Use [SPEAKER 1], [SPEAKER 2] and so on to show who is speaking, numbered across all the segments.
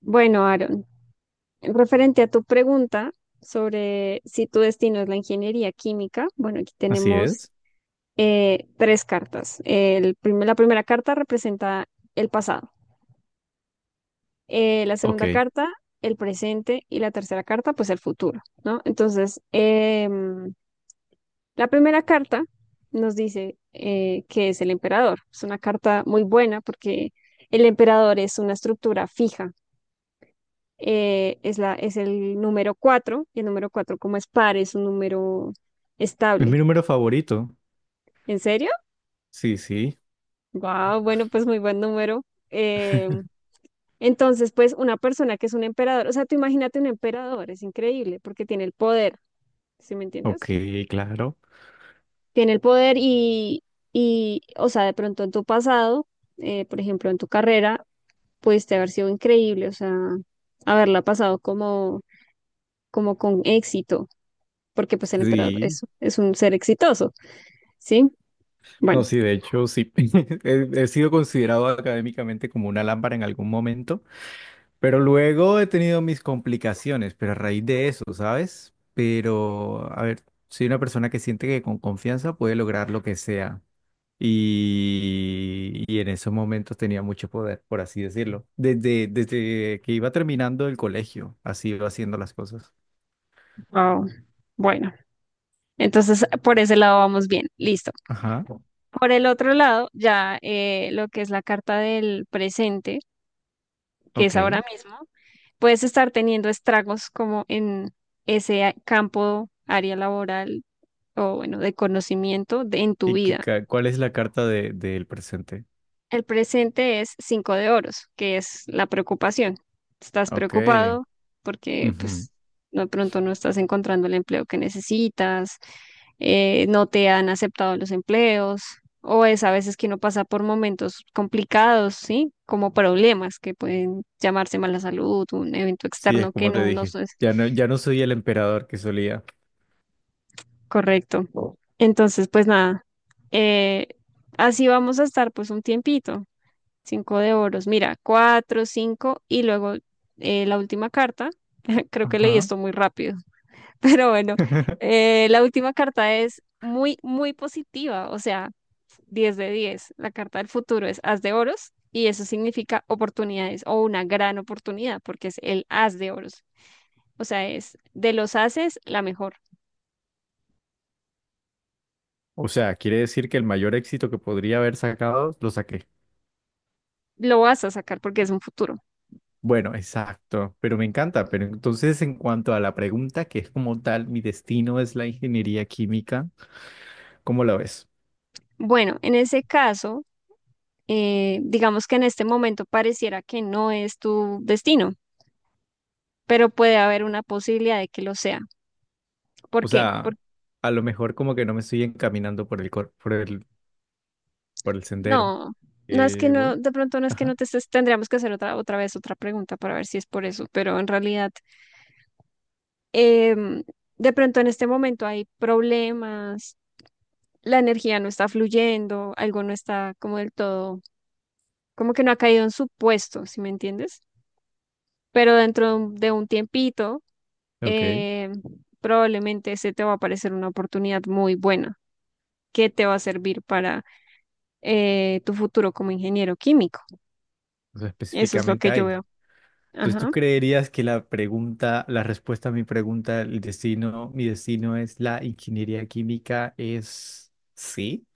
[SPEAKER 1] Bueno, Aaron, referente a tu pregunta sobre si tu destino es la ingeniería química, bueno, aquí
[SPEAKER 2] Así
[SPEAKER 1] tenemos
[SPEAKER 2] es.
[SPEAKER 1] tres cartas. La primera carta representa el pasado, la
[SPEAKER 2] Ok.
[SPEAKER 1] segunda
[SPEAKER 2] Es
[SPEAKER 1] carta, el presente y la tercera carta, pues el futuro, ¿no? Entonces, la primera carta nos dice que es el emperador. Es una carta muy buena porque el emperador es una estructura fija. Es el número cuatro, y el número cuatro, como es par, es un número estable.
[SPEAKER 2] mi número favorito.
[SPEAKER 1] ¿En serio?
[SPEAKER 2] Sí, sí.
[SPEAKER 1] Wow, bueno, pues muy buen número. Eh, entonces, pues una persona que es un emperador, o sea, tú imagínate un emperador, es increíble, porque tiene el poder. ¿Sí me
[SPEAKER 2] Ok,
[SPEAKER 1] entiendes?
[SPEAKER 2] claro.
[SPEAKER 1] Tiene el poder y o sea, de pronto en tu pasado, por ejemplo, en tu carrera, pudiste haber sido increíble, o sea, haberla pasado como con éxito, porque pues el emperador
[SPEAKER 2] Sí.
[SPEAKER 1] es un ser exitoso. Sí,
[SPEAKER 2] No,
[SPEAKER 1] bueno,
[SPEAKER 2] sí, de hecho, sí. He sido considerado académicamente como una lámpara en algún momento, pero luego he tenido mis complicaciones, pero a raíz de eso, ¿sabes? Pero, a ver, soy una persona que siente que con confianza puede lograr lo que sea. Y en esos momentos tenía mucho poder, por así decirlo. Desde que iba terminando el colegio, así iba haciendo las cosas.
[SPEAKER 1] wow. Bueno, entonces por ese lado vamos bien, listo.
[SPEAKER 2] Ajá.
[SPEAKER 1] Por el otro lado, ya lo que es la carta del presente, que es ahora
[SPEAKER 2] Ok.
[SPEAKER 1] mismo, puedes estar teniendo estragos como en ese campo, área laboral, o bueno, de conocimiento en tu
[SPEAKER 2] ¿Y qué,
[SPEAKER 1] vida.
[SPEAKER 2] cuál es la carta de, del presente?
[SPEAKER 1] El presente es cinco de oros, que es la preocupación. Estás
[SPEAKER 2] Ok.
[SPEAKER 1] preocupado porque
[SPEAKER 2] Ujú.
[SPEAKER 1] pues no, de pronto no estás encontrando el empleo que necesitas, no te han aceptado los empleos, o es a veces que uno pasa por momentos complicados, ¿sí? Como problemas que pueden llamarse mala salud, un evento
[SPEAKER 2] Sí, es
[SPEAKER 1] externo que
[SPEAKER 2] como te
[SPEAKER 1] no es
[SPEAKER 2] dije. Ya no, ya no soy el emperador que solía.
[SPEAKER 1] correcto. Entonces, pues nada, eh, así vamos a estar pues un tiempito. Cinco de oros. Mira, cuatro, cinco y luego la última carta. Creo que leí
[SPEAKER 2] Ajá.
[SPEAKER 1] esto muy rápido, pero bueno, la última carta es muy, muy positiva, o sea, 10 de diez. La carta del futuro es As de oros y eso significa oportunidades o una gran oportunidad porque es el As de oros. O sea, es de los ases la mejor.
[SPEAKER 2] O sea, quiere decir que el mayor éxito que podría haber sacado, lo saqué.
[SPEAKER 1] Lo vas a sacar porque es un futuro.
[SPEAKER 2] Bueno, exacto, pero me encanta. Pero entonces, en cuanto a la pregunta, que es como tal, mi destino es la ingeniería química, ¿cómo la ves?
[SPEAKER 1] Bueno, en ese caso, digamos que en este momento pareciera que no es tu destino, pero puede haber una posibilidad de que lo sea. ¿Por
[SPEAKER 2] O
[SPEAKER 1] qué?
[SPEAKER 2] sea,
[SPEAKER 1] Porque
[SPEAKER 2] a lo mejor como que no me estoy encaminando por el, por el, por el sendero.
[SPEAKER 1] no, no es que no,
[SPEAKER 2] Voy.
[SPEAKER 1] de pronto no es que
[SPEAKER 2] Ajá.
[SPEAKER 1] no te estés. Tendríamos que hacer otra vez otra pregunta para ver si es por eso, pero en realidad, em, de pronto en este momento hay problemas, la energía no está fluyendo, algo no está como del todo, como que no ha caído en su puesto, ¿si me entiendes? Pero dentro de un tiempito,
[SPEAKER 2] Ok.
[SPEAKER 1] em, probablemente se te va a aparecer una oportunidad muy buena que te va a servir para tu futuro como ingeniero químico.
[SPEAKER 2] O sea,
[SPEAKER 1] Eso es lo
[SPEAKER 2] específicamente
[SPEAKER 1] que yo
[SPEAKER 2] ahí.
[SPEAKER 1] veo.
[SPEAKER 2] Entonces, ¿tú
[SPEAKER 1] Ajá.
[SPEAKER 2] creerías que la pregunta, la respuesta a mi pregunta, el destino, mi destino es la ingeniería química, es sí?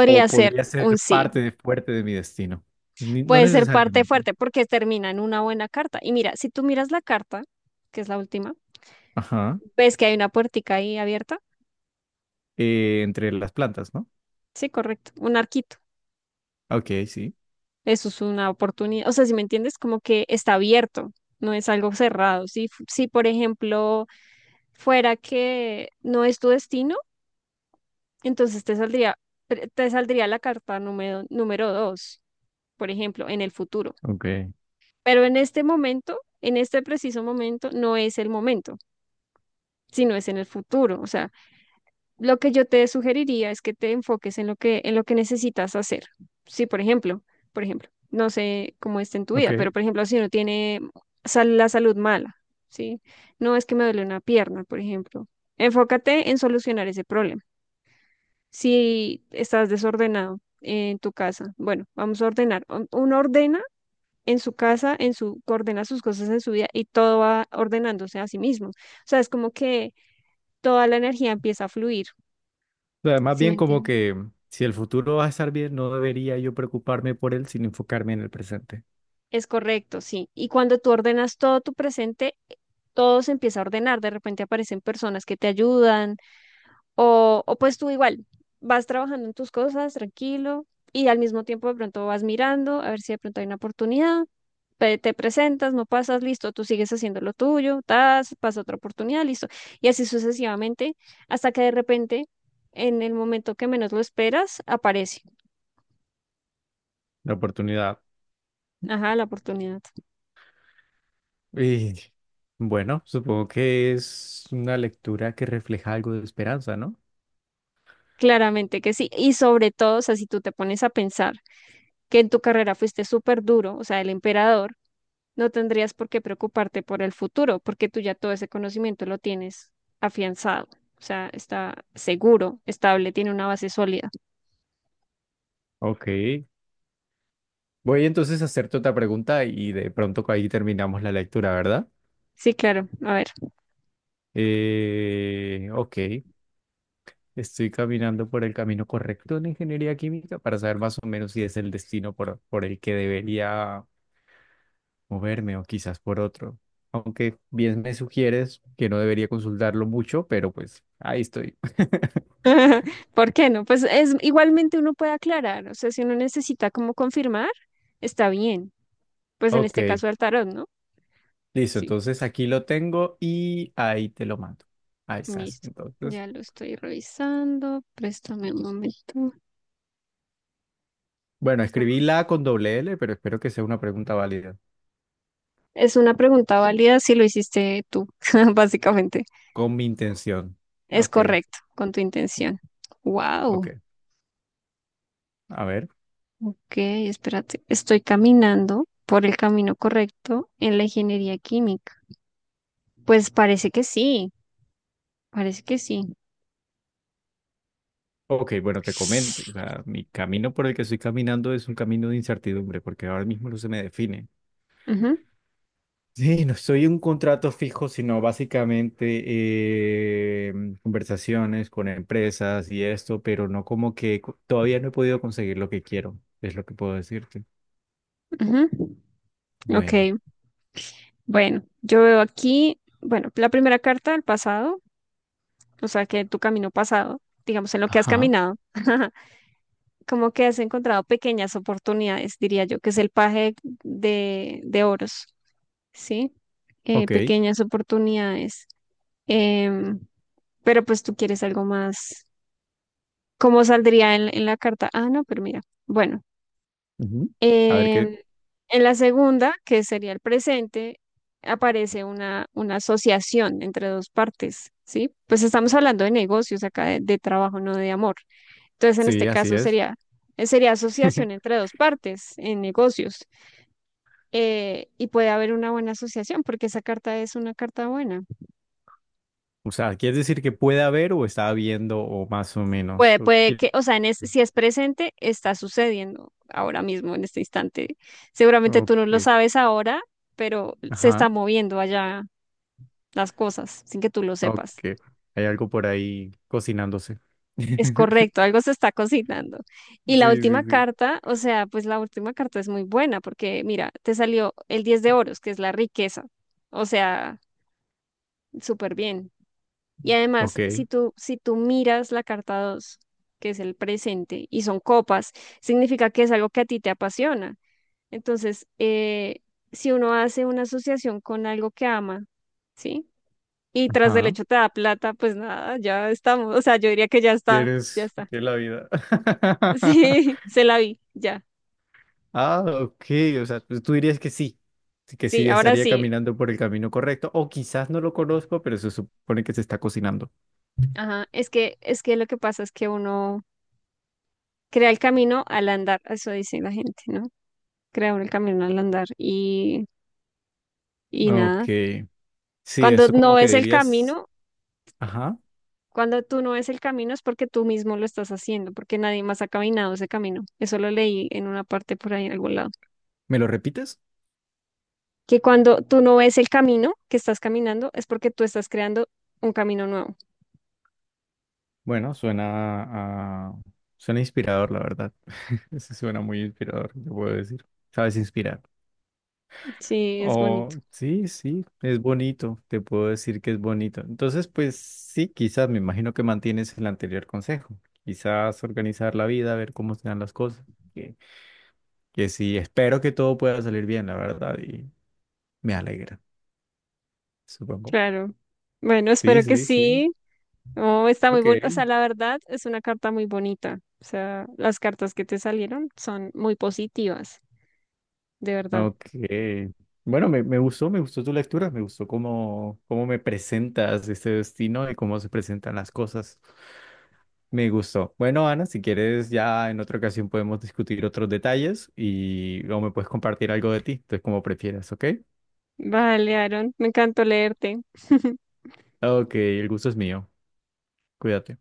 [SPEAKER 2] ¿O
[SPEAKER 1] ser
[SPEAKER 2] podría
[SPEAKER 1] un
[SPEAKER 2] ser
[SPEAKER 1] sí.
[SPEAKER 2] parte de, fuerte de mi destino? No
[SPEAKER 1] Puede ser parte
[SPEAKER 2] necesariamente.
[SPEAKER 1] fuerte porque termina en una buena carta. Y mira, si tú miras la carta, que es la última,
[SPEAKER 2] Ajá.
[SPEAKER 1] ves que hay una puertica ahí abierta.
[SPEAKER 2] Entre las plantas, ¿no?
[SPEAKER 1] Sí, correcto. Un arquito.
[SPEAKER 2] Ok, sí.
[SPEAKER 1] Eso es una oportunidad. O sea, si me entiendes, como que está abierto, no es algo cerrado. Si, si por ejemplo, fuera que no es tu destino, entonces te saldría, te saldría la carta número dos, por ejemplo, en el futuro.
[SPEAKER 2] Ok,
[SPEAKER 1] Pero en este momento, en este preciso momento, no es el momento, sino es en el futuro. O sea, lo que yo te sugeriría es que te enfoques en lo que necesitas hacer. Sí, por ejemplo, no sé cómo está en tu
[SPEAKER 2] ok.
[SPEAKER 1] vida, pero por ejemplo, si uno tiene la salud mala, ¿sí? No es que me duele una pierna, por ejemplo. Enfócate en solucionar ese problema. Si estás desordenado en tu casa, bueno, vamos a ordenar. Uno ordena en su casa, coordena sus cosas en su vida y todo va ordenándose a sí mismo. O sea, es como que toda la energía empieza a fluir.
[SPEAKER 2] O sea, más
[SPEAKER 1] ¿Sí me
[SPEAKER 2] bien como
[SPEAKER 1] entiendes?
[SPEAKER 2] que si el futuro va a estar bien, no debería yo preocuparme por él, sino enfocarme en el presente.
[SPEAKER 1] Es correcto, sí. Y cuando tú ordenas todo tu presente, todo se empieza a ordenar. De repente aparecen personas que te ayudan, o pues tú igual vas trabajando en tus cosas tranquilo y al mismo tiempo de pronto vas mirando a ver si de pronto hay una oportunidad, te presentas, no pasas, listo, tú sigues haciendo lo tuyo, tas, pasa otra oportunidad, listo. Y así sucesivamente, hasta que de repente, en el momento que menos lo esperas, aparece,
[SPEAKER 2] La oportunidad.
[SPEAKER 1] ajá, la oportunidad.
[SPEAKER 2] Y bueno, supongo que es una lectura que refleja algo de esperanza, ¿no?
[SPEAKER 1] Claramente que sí. Y sobre todo, o sea, si tú te pones a pensar que en tu carrera fuiste súper duro, o sea, el emperador, no tendrías por qué preocuparte por el futuro, porque tú ya todo ese conocimiento lo tienes afianzado. O sea, está seguro, estable, tiene una base sólida.
[SPEAKER 2] Ok. Voy entonces a hacerte otra pregunta y de pronto ahí terminamos la lectura, ¿verdad?
[SPEAKER 1] Sí, claro. A ver.
[SPEAKER 2] Ok. Estoy caminando por el camino correcto en ingeniería química para saber más o menos si es el destino por el que debería moverme o quizás por otro. Aunque bien me sugieres que no debería consultarlo mucho, pero pues ahí estoy.
[SPEAKER 1] ¿Por qué no? Pues es igualmente uno puede aclarar, o sea, si uno necesita como confirmar, está bien. Pues en este
[SPEAKER 2] Ok.
[SPEAKER 1] caso al tarot, ¿no?
[SPEAKER 2] Listo,
[SPEAKER 1] Sí,
[SPEAKER 2] entonces aquí lo tengo y ahí te lo mando. Ahí estás.
[SPEAKER 1] listo.
[SPEAKER 2] Entonces,
[SPEAKER 1] Ya lo estoy revisando. Préstame un momento.
[SPEAKER 2] bueno, escribí la con doble L, pero espero que sea una pregunta válida,
[SPEAKER 1] Es una pregunta válida si lo hiciste tú, básicamente.
[SPEAKER 2] con mi intención.
[SPEAKER 1] Es
[SPEAKER 2] Ok,
[SPEAKER 1] correcto con tu intención.
[SPEAKER 2] ok.
[SPEAKER 1] Wow.
[SPEAKER 2] A ver.
[SPEAKER 1] Ok, espérate. Estoy caminando por el camino correcto en la ingeniería química. Pues parece que sí, parece que sí.
[SPEAKER 2] Ok, bueno, te comento. O sea, mi camino por el que estoy caminando es un camino de incertidumbre, porque ahora mismo no se me define.
[SPEAKER 1] Ujú,
[SPEAKER 2] Sí, no soy un contrato fijo, sino básicamente eh, conversaciones con empresas y esto, pero no como que todavía no he podido conseguir lo que quiero, es lo que puedo decirte.
[SPEAKER 1] ujú. Ok,
[SPEAKER 2] Bueno.
[SPEAKER 1] bueno, yo veo aquí, bueno, la primera carta del pasado, o sea, que tu camino pasado, digamos, en lo que has
[SPEAKER 2] Ajá,
[SPEAKER 1] caminado, como que has encontrado pequeñas oportunidades, diría yo, que es el paje de oros, ¿sí? Eh,
[SPEAKER 2] ok.
[SPEAKER 1] pequeñas oportunidades. Em, pero pues tú quieres algo más. ¿Cómo saldría en la carta? Ah, no, pero mira. Bueno,
[SPEAKER 2] Ujú. A ver qué.
[SPEAKER 1] Em, en la segunda, que sería el presente, aparece una asociación entre dos partes, ¿sí? Pues estamos hablando de negocios acá, de trabajo, no de amor. Entonces, en
[SPEAKER 2] Sí,
[SPEAKER 1] este
[SPEAKER 2] así
[SPEAKER 1] caso
[SPEAKER 2] es.
[SPEAKER 1] sería asociación entre dos partes en negocios. Y puede haber una buena asociación porque esa carta es una carta buena.
[SPEAKER 2] O sea, ¿quieres decir que puede haber o está habiendo o más o menos?
[SPEAKER 1] Puede,
[SPEAKER 2] ¿O
[SPEAKER 1] puede que,
[SPEAKER 2] quie-
[SPEAKER 1] o sea, si es presente, está sucediendo ahora mismo, en este instante. Seguramente tú no lo
[SPEAKER 2] Ok.
[SPEAKER 1] sabes ahora, pero se está
[SPEAKER 2] Ajá,
[SPEAKER 1] moviendo allá las cosas sin que tú lo
[SPEAKER 2] ok.
[SPEAKER 1] sepas.
[SPEAKER 2] Hay algo por ahí cocinándose.
[SPEAKER 1] Es correcto, algo se está cocinando. Y la
[SPEAKER 2] Sí,
[SPEAKER 1] última
[SPEAKER 2] sí, sí.
[SPEAKER 1] carta, o sea, pues la última carta es muy buena porque mira, te salió el 10 de oros, que es la riqueza. O sea, súper bien. Y
[SPEAKER 2] Ok,
[SPEAKER 1] además, si tú, miras la carta dos, que es el presente, y son copas, significa que es algo que a ti te apasiona. Entonces, si uno hace una asociación con algo que ama, ¿sí? Y tras del
[SPEAKER 2] ajá.
[SPEAKER 1] hecho te da plata, pues nada, ya estamos. O sea, yo diría que ya está, ya
[SPEAKER 2] ¿Quieres
[SPEAKER 1] está.
[SPEAKER 2] que la vida?
[SPEAKER 1] Sí, se la vi, ya.
[SPEAKER 2] Ah, ok. O sea, pues tú dirías que sí. Sí, que
[SPEAKER 1] Sí,
[SPEAKER 2] sí
[SPEAKER 1] ahora
[SPEAKER 2] estaría
[SPEAKER 1] sí.
[SPEAKER 2] caminando por el camino correcto. O quizás no lo conozco, pero se supone que se está cocinando.
[SPEAKER 1] Ajá, es que lo que pasa es que uno crea el camino al andar, eso dice la gente, ¿no? Crea uno el camino al andar y
[SPEAKER 2] Ok.
[SPEAKER 1] nada.
[SPEAKER 2] Sí,
[SPEAKER 1] Cuando
[SPEAKER 2] eso
[SPEAKER 1] no
[SPEAKER 2] como que
[SPEAKER 1] ves el
[SPEAKER 2] dirías,
[SPEAKER 1] camino,
[SPEAKER 2] ajá,
[SPEAKER 1] cuando tú no ves el camino es porque tú mismo lo estás haciendo, porque nadie más ha caminado ese camino. Eso lo leí en una parte por ahí en algún lado.
[SPEAKER 2] ¿me lo repites?
[SPEAKER 1] Que cuando tú no ves el camino que estás caminando es porque tú estás creando un camino nuevo.
[SPEAKER 2] Bueno, suena a... suena inspirador, la verdad. Eso suena muy inspirador, te puedo decir. Sabes inspirar.
[SPEAKER 1] Sí, es bonito.
[SPEAKER 2] Oh, sí, sí, es bonito, te puedo decir que es bonito. Entonces, pues sí, quizás me imagino que mantienes el anterior consejo. Quizás organizar la vida, ver cómo se dan las cosas. Que, que sí, espero que todo pueda salir bien, la verdad, y me alegra, supongo.
[SPEAKER 1] Claro. Bueno, espero
[SPEAKER 2] Sí,
[SPEAKER 1] que
[SPEAKER 2] sí, sí.
[SPEAKER 1] sí. Oh, está muy
[SPEAKER 2] Ok,
[SPEAKER 1] bonito. O sea, la verdad es una carta muy bonita. O sea, las cartas que te salieron son muy positivas, de verdad.
[SPEAKER 2] ok. Bueno, me gustó tu lectura, me gustó cómo, cómo me presentas este destino y cómo se presentan las cosas. Me gustó. Bueno, Ana, si quieres, ya en otra ocasión podemos discutir otros detalles y o me puedes compartir algo de ti, entonces como prefieras, ¿ok?
[SPEAKER 1] Vale, Aaron, me encantó leerte.
[SPEAKER 2] Ok, el gusto es mío. Cuídate.